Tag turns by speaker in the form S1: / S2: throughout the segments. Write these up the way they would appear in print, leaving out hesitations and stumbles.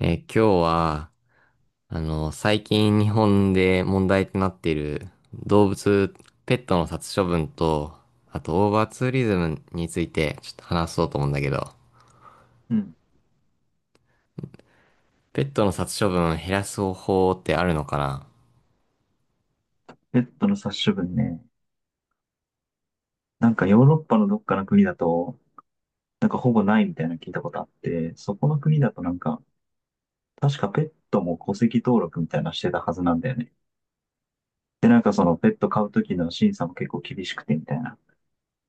S1: 今日は、最近日本で問題となっている動物、ペットの殺処分と、あとオーバーツーリズムについてちょっと話そうと思うんだけど、
S2: うん。
S1: ペットの殺処分を減らす方法ってあるのかな？
S2: ペットの殺処分ね。なんかヨーロッパのどっかの国だと、なんかほぼないみたいなの聞いたことあって、そこの国だとなんか、確かペットも戸籍登録みたいなのしてたはずなんだよね。で、なんかそのペット飼う時の審査も結構厳しくてみたいな。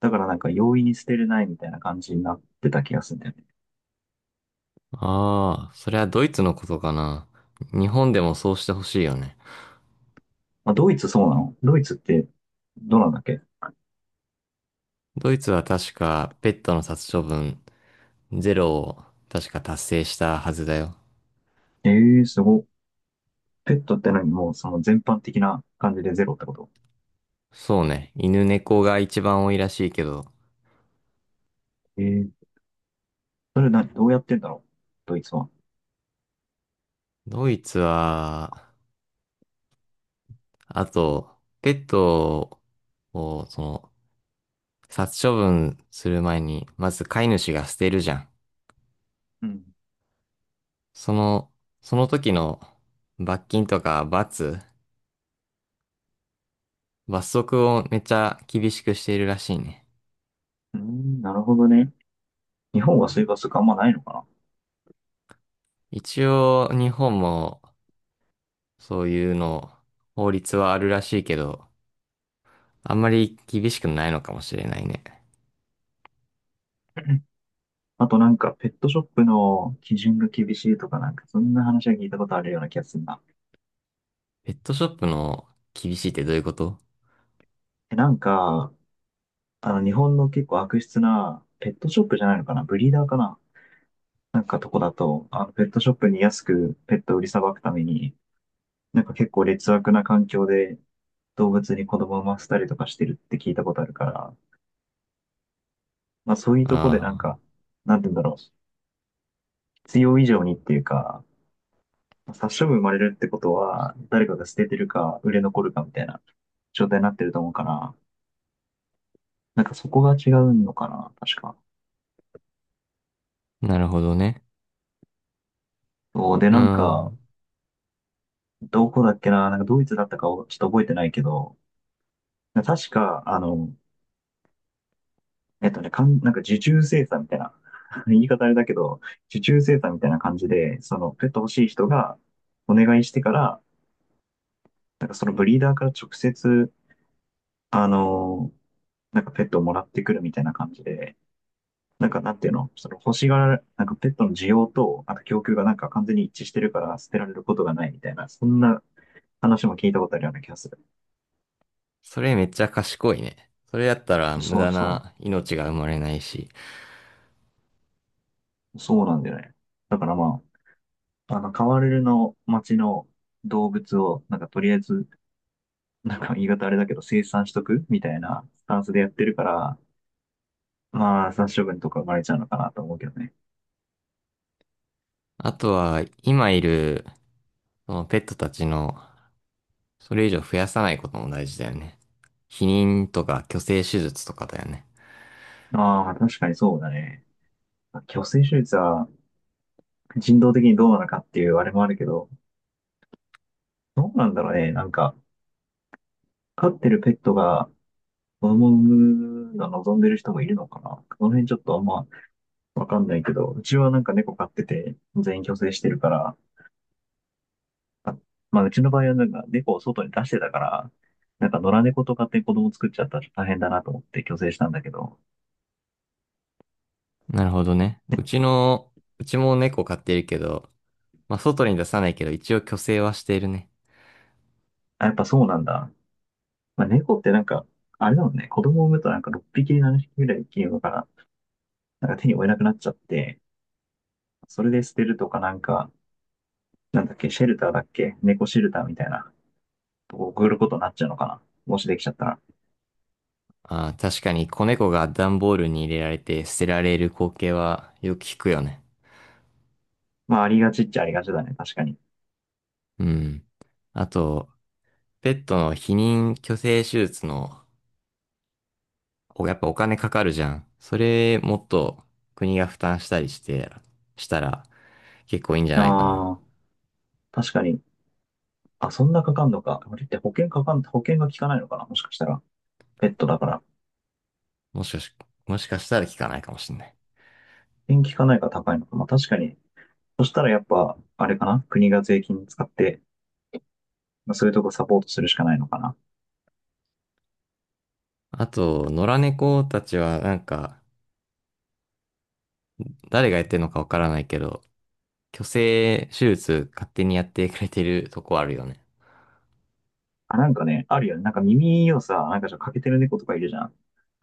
S2: だからなんか容易に捨てれないみたいな感じになってた気がするんだよね。
S1: ああー、それはドイツのことかな。日本でもそうしてほしいよね。
S2: まあ、ドイツそうなの。ドイツってどうなんだっけ？
S1: ドイツは確かペットの殺処分ゼロを確か達成したはずだよ。
S2: ええー、すごっ。ペットって何？もうその全般的な感じでゼロってこと？
S1: そうね。犬猫が一番多いらしいけど、
S2: ええー、それな、どうやってんだろう、ドイツは。
S1: ドイツは、あと、ペットを、殺処分する前に、まず飼い主が捨てるじゃん。
S2: うん。
S1: その、その時の罰金とか罰則をめっちゃ厳しくしているらしいね。
S2: うーん、なるほどね。日本はそういう罰則あんまないのか
S1: 一応、日本もそういうの、法律はあるらしいけど、あんまり厳しくないのかもしれないね。
S2: な。 あとなんか、ペットショップの基準が厳しいとかなんか、そんな話は聞いたことあるような気がするな。
S1: ペットショップの厳しいってどういうこと？
S2: なんか、あの、日本の結構悪質な、ペットショップじゃないのかな、ブリーダーかな、なんかとこだと、あの、ペットショップに安くペットを売りさばくために、なんか結構劣悪な環境で動物に子供を産ませたりとかしてるって聞いたことあるから、まあそういうとこでなん
S1: あ
S2: か、なんて言うんだろう。必要以上にっていうか、殺処分生まれるってことは、誰かが捨ててるか、売れ残るかみたいな状態になってると思うから、なんかそこが違うのかな、確か。
S1: あー、なるほどね。
S2: そうで、
S1: う
S2: なんか、
S1: ん。
S2: どこだっけな、なんかドイツだったかをちょっと覚えてないけど、確か、あの、なんか受注生産みたいな、言い方あれだけど、受注生産みたいな感じで、そのペット欲しい人がお願いしてから、なんかそのブリーダーから直接、あの、なんかペットをもらってくるみたいな感じで、なんか、なんていうの、その欲しがら、なんかペットの需要と、あと供給がなんか完全に一致してるから捨てられることがないみたいな、そんな話も聞いたことあるような気がする。
S1: それめっちゃ賢いね。それやったら無
S2: そう
S1: 駄
S2: そ
S1: な命が生まれないし。
S2: う。そうなんだよね。だからまあ、あの、カワレルの町の動物を、なんかとりあえず、なんか言い方あれだけど生産しとくみたいなスタンスでやってるから、まあ、殺処分とか生まれちゃうのかなと思うけどね。
S1: あとは、今いる、そのペットたちの、それ以上増やさないことも大事だよね。避妊とか去勢手術とかだよね。
S2: ああ、確かにそうだね。去勢手術は人道的にどうなのかっていうあれもあるけど、どうなんだろうね。なんか、飼ってるペットが子供を産むの望んでる人もいるのかな。この辺ちょっとあんまわかんないけど、うちはなんか猫飼ってて全員去勢してるから、あまあうちの場合はなんか猫を外に出してたから、なんか野良猫とかって子供作っちゃったら大変だなと思って去勢したんだけど、
S1: なるほどね。うちも猫飼ってるけど、まあ、外に出さないけど、一応去勢はしているね。
S2: あ、やっぱそうなんだ。まあ、猫ってなんか、あれだもんね、子供を産むとなんか6匹、7匹ぐらい生きるのから、なんか手に負えなくなっちゃって、それで捨てるとかなんか、なんだっけ、シェルターだっけ、猫シェルターみたいな送ることになっちゃうのかな。もしできちゃったら。
S1: ああ、確かに子猫が段ボールに入れられて捨てられる光景はよく聞くよね。
S2: まあ、ありがちっちゃありがちだね。確かに。
S1: うん。あと、ペットの避妊去勢手術のおやっぱお金かかるじゃん。それもっと国が負担したりして、したら結構いいんじゃないかな。
S2: ああ、確かに。あ、そんなかかんのか。あれって保険が効かないのかな。もしかしたら。ペットだから。
S1: もしかし、もしかしたら効かないかもしんない。
S2: 保険効かないから高いのか。まあ、確かに。そしたらやっぱ、あれかな。国が税金使って、まあ、そういうとこサポートするしかないのかな。
S1: あと、野良猫たちはなんか、誰がやってるのかわからないけど、去勢手術勝手にやってくれてるとこあるよね。
S2: あ、なんかね、あるよね。なんか耳をさ、なんかちょっと欠けてる猫とかいるじゃん。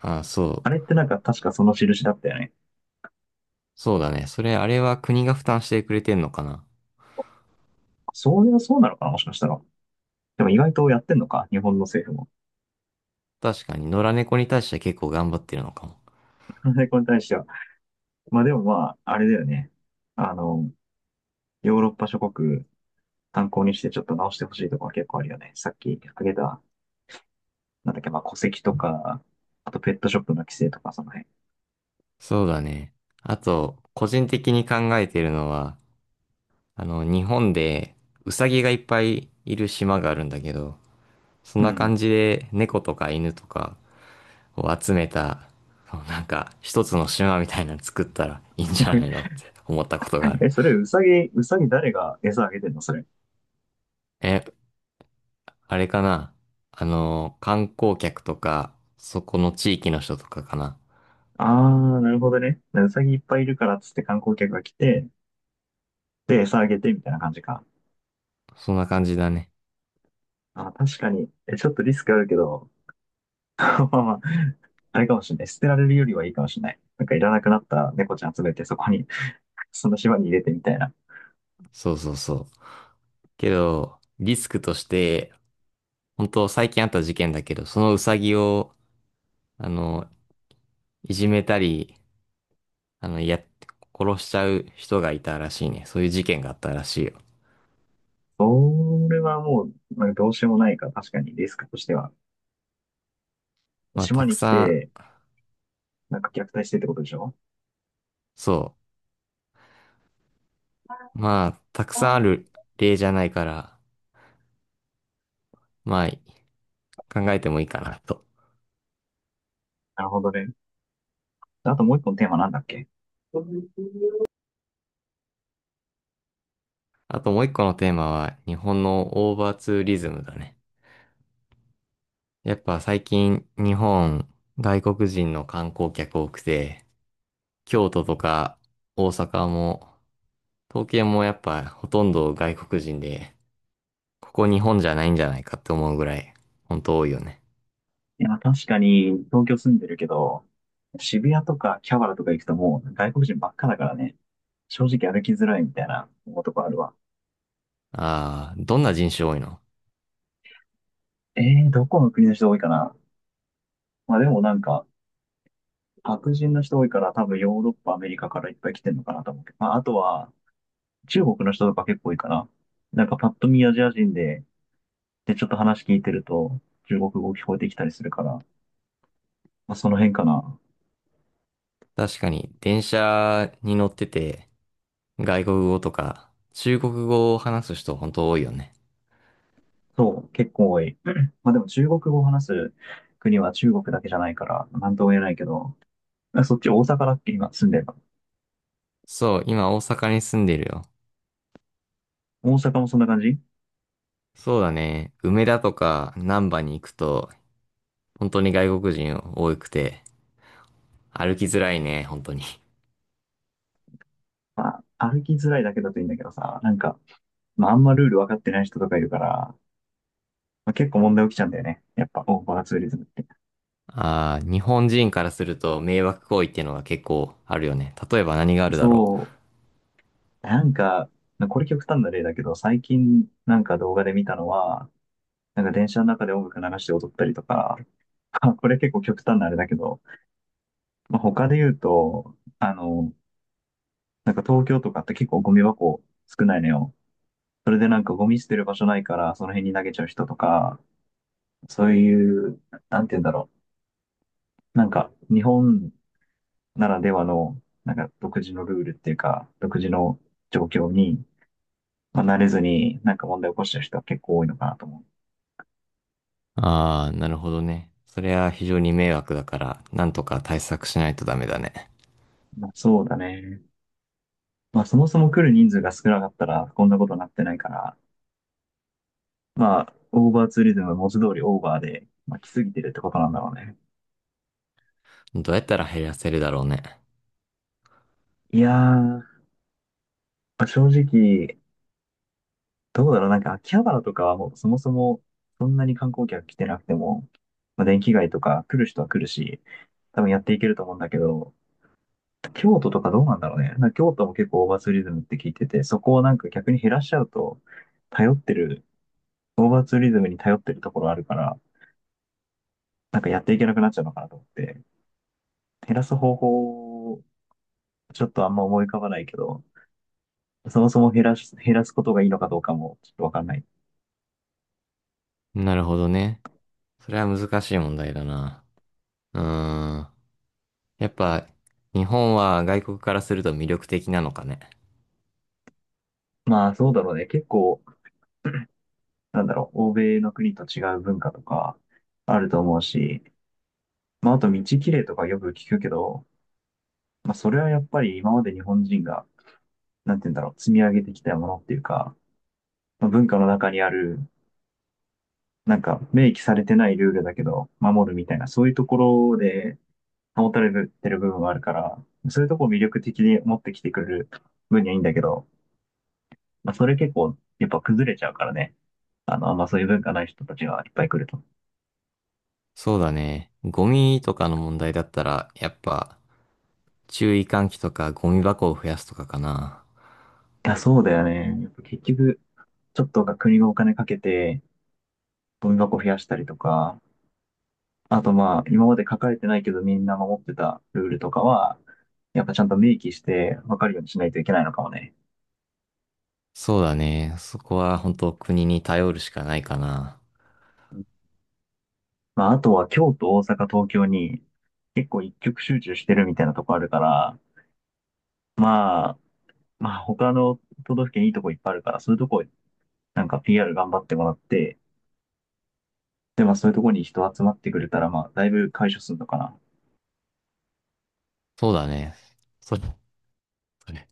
S1: ああ、そ
S2: あ
S1: う。
S2: れってなんか確かその印だったよね。
S1: そうだね。あれは国が負担してくれてんのかな。
S2: そういう、そうなのかな、もしかしたら。でも意外とやってんのか、日本の政府も。
S1: 確かに、野良猫に対しては結構頑張ってるのかも。
S2: これに対しては。まあでもまあ、あれだよね。あの、ヨーロッパ諸国参考にしてちょっと直してほしいとこは結構あるよね。さっき挙げた、なんだっけ、まあ戸籍とか、あとペットショップの規制とかその辺。
S1: そうだね。あと、個人的に考えてるのは、日本でウサギがいっぱいいる島があるんだけど、そん
S2: う
S1: な
S2: ん。
S1: 感じで猫とか犬とかを集めた、そうなんか一つの島みたいなの作ったらいいんじゃないのっ て思ったことがある。
S2: え、それ、うさぎ、うさぎ誰が餌あげてんの、それ？
S1: え、あれかな観光客とか、そこの地域の人とかかな？
S2: ああ、なるほどね。うさぎいっぱいいるからっつって観光客が来て、で、餌あげてみたいな感じか。
S1: そんな感じだね。
S2: あー、確かに。え、ちょっとリスクあるけど、まあまあ、あれかもしれない。捨てられるよりはいいかもしれない。なんかいらなくなった猫ちゃん集めてそこに、その島に入れてみたいな。
S1: そうそうそう。けど、リスクとして、本当最近あった事件だけど、そのウサギを、あの、いじめたり、あの、や殺しちゃう人がいたらしいね。そういう事件があったらしいよ。
S2: それはもう、なんかどうしようもないか、確かにリスクとしては。
S1: まあ、た
S2: 島
S1: く
S2: に来
S1: さ
S2: て、
S1: ん、
S2: なんか虐待してってことでしょ？
S1: そう。まあ、たくさんある例じゃないから、まあ、考えてもいいかなと。
S2: なるほどね。あともう一個のテーマなんだっけ？
S1: あともう一個のテーマは、日本のオーバーツーリズムだね。やっぱ最近、日本、外国人の観光客多くて、京都とか大阪も、東京もやっぱほとんど外国人で、ここ日本じゃないんじゃないかって思うぐらい、本当多いよね。
S2: いや、確かに東京住んでるけど、渋谷とかキャバラとか行くともう外国人ばっかだからね、正直歩きづらいみたいな思とこあるわ。
S1: ああ、どんな人種多いの？
S2: えどこの国の人多いかな。まあでもなんか、白人の人多いから多分ヨーロッパ、アメリカからいっぱい来てんのかなと思うけど、まああとは中国の人とか結構多いかな。なんかパッと見アジア人で、で、ちょっと話聞いてると、中国語聞こえてきたりするから、まあ、その辺かな。
S1: 確かに、電車に乗ってて、外国語とか、中国語を話す人本当多いよね。
S2: そう、結構多い。まあでも中国語を話す国は中国だけじゃないから、なんとも言えないけど、まあそっち大阪だっけ、今住んでるの？
S1: そう、今大阪に住んでるよ。
S2: 大阪もそんな感じ？
S1: そうだね。梅田とか難波に行くと、本当に外国人多くて、歩きづらいね、本当に。
S2: まあ、歩きづらいだけだといいんだけどさ、なんか、まああんまルール分かってない人とかいるから、まあ、結構問題起きちゃうんだよね。やっぱ、オーバーツーリズムって。
S1: ああ、日本人からすると迷惑行為っていうのが結構あるよね。例えば何があるだろ
S2: そう、なんか、これ極端な例だけど、最近なんか動画で見たのは、なんか電車の中で音楽流して踊ったりとか、これ結構極端なあれだけど、まあ、他で言うと、あの、なんか東京とかって結構ゴミ箱少ないのよ。それでなんかゴミ捨てる場所ないからその辺に投げちゃう人とか、そういう、なんて言うんだろう。なんか日本ならではの、なんか独自のルールっていうか、独自の状況に、まあ、慣れずになんか問題を起こしてる人は結構多いのかなと思
S1: う。ああ、なるほどね。それは非常に迷惑だから、なんとか対策しないとダメだね。
S2: う。まあ、そうだね。まあそもそも来る人数が少なかったらこんなことになってないから、まあ、オーバーツーリズムの文字通りオーバーで、まあ、来すぎてるってことなんだろうね。
S1: どうやったら減らせるだろうね。
S2: いやー、まあ、正直、どうだろう、なんか秋葉原とかはもうそもそもそんなに観光客来てなくても、まあ、電気街とか来る人は来るし、多分やっていけると思うんだけど、京都とかどうなんだろうね。なんか京都も結構オーバーツーリズムって聞いてて、そこをなんか逆に減らしちゃうと、頼ってる、オーバーツーリズムに頼ってるところあるから、なんかやっていけなくなっちゃうのかなと思って、減らす方法、ちょっとあんま思い浮かばないけど、そもそも減らすことがいいのかどうかもちょっとわかんない。
S1: なるほどね。それは難しい問題だな。うーん。やっぱ、日本は外国からすると魅力的なのかね。
S2: まあそうだろうね。結構、なんだろう、欧米の国と違う文化とかあると思うし、まああと道きれいとかよく聞くけど、まあそれはやっぱり今まで日本人が、なんて言うんだろう、積み上げてきたものっていうか、まあ文化の中にある、なんか明記されてないルールだけど守るみたいな、そういうところで保たれてる部分はあるから、そういうとこを魅力的に持ってきてくれる分にはいいんだけど、まあそれ結構やっぱ崩れちゃうからね。あの、あんまそういう文化ない人たちがいっぱい来ると。い
S1: そうだね。ゴミとかの問題だったら、やっぱ、注意喚起とかゴミ箱を増やすとかかな。
S2: や、そうだよね。やっぱ結局、ちょっとが国がお金かけて、ゴミ箱増やしたりとか、あとまあ、今まで書かれてないけどみんな守ってたルールとかは、やっぱちゃんと明記して分かるようにしないといけないのかもね。
S1: そうだね。そこは本当国に頼るしかないかな。
S2: まあ、あとは京都、大阪、東京に結構一極集中してるみたいなとこあるから、まあ、まあ他の都道府県いいとこいっぱいあるから、そういうとこなんか PR 頑張ってもらって、で、まあそういうとこに人集まってくれたら、まあだいぶ解消するのかな。
S1: そうだね。それ、それ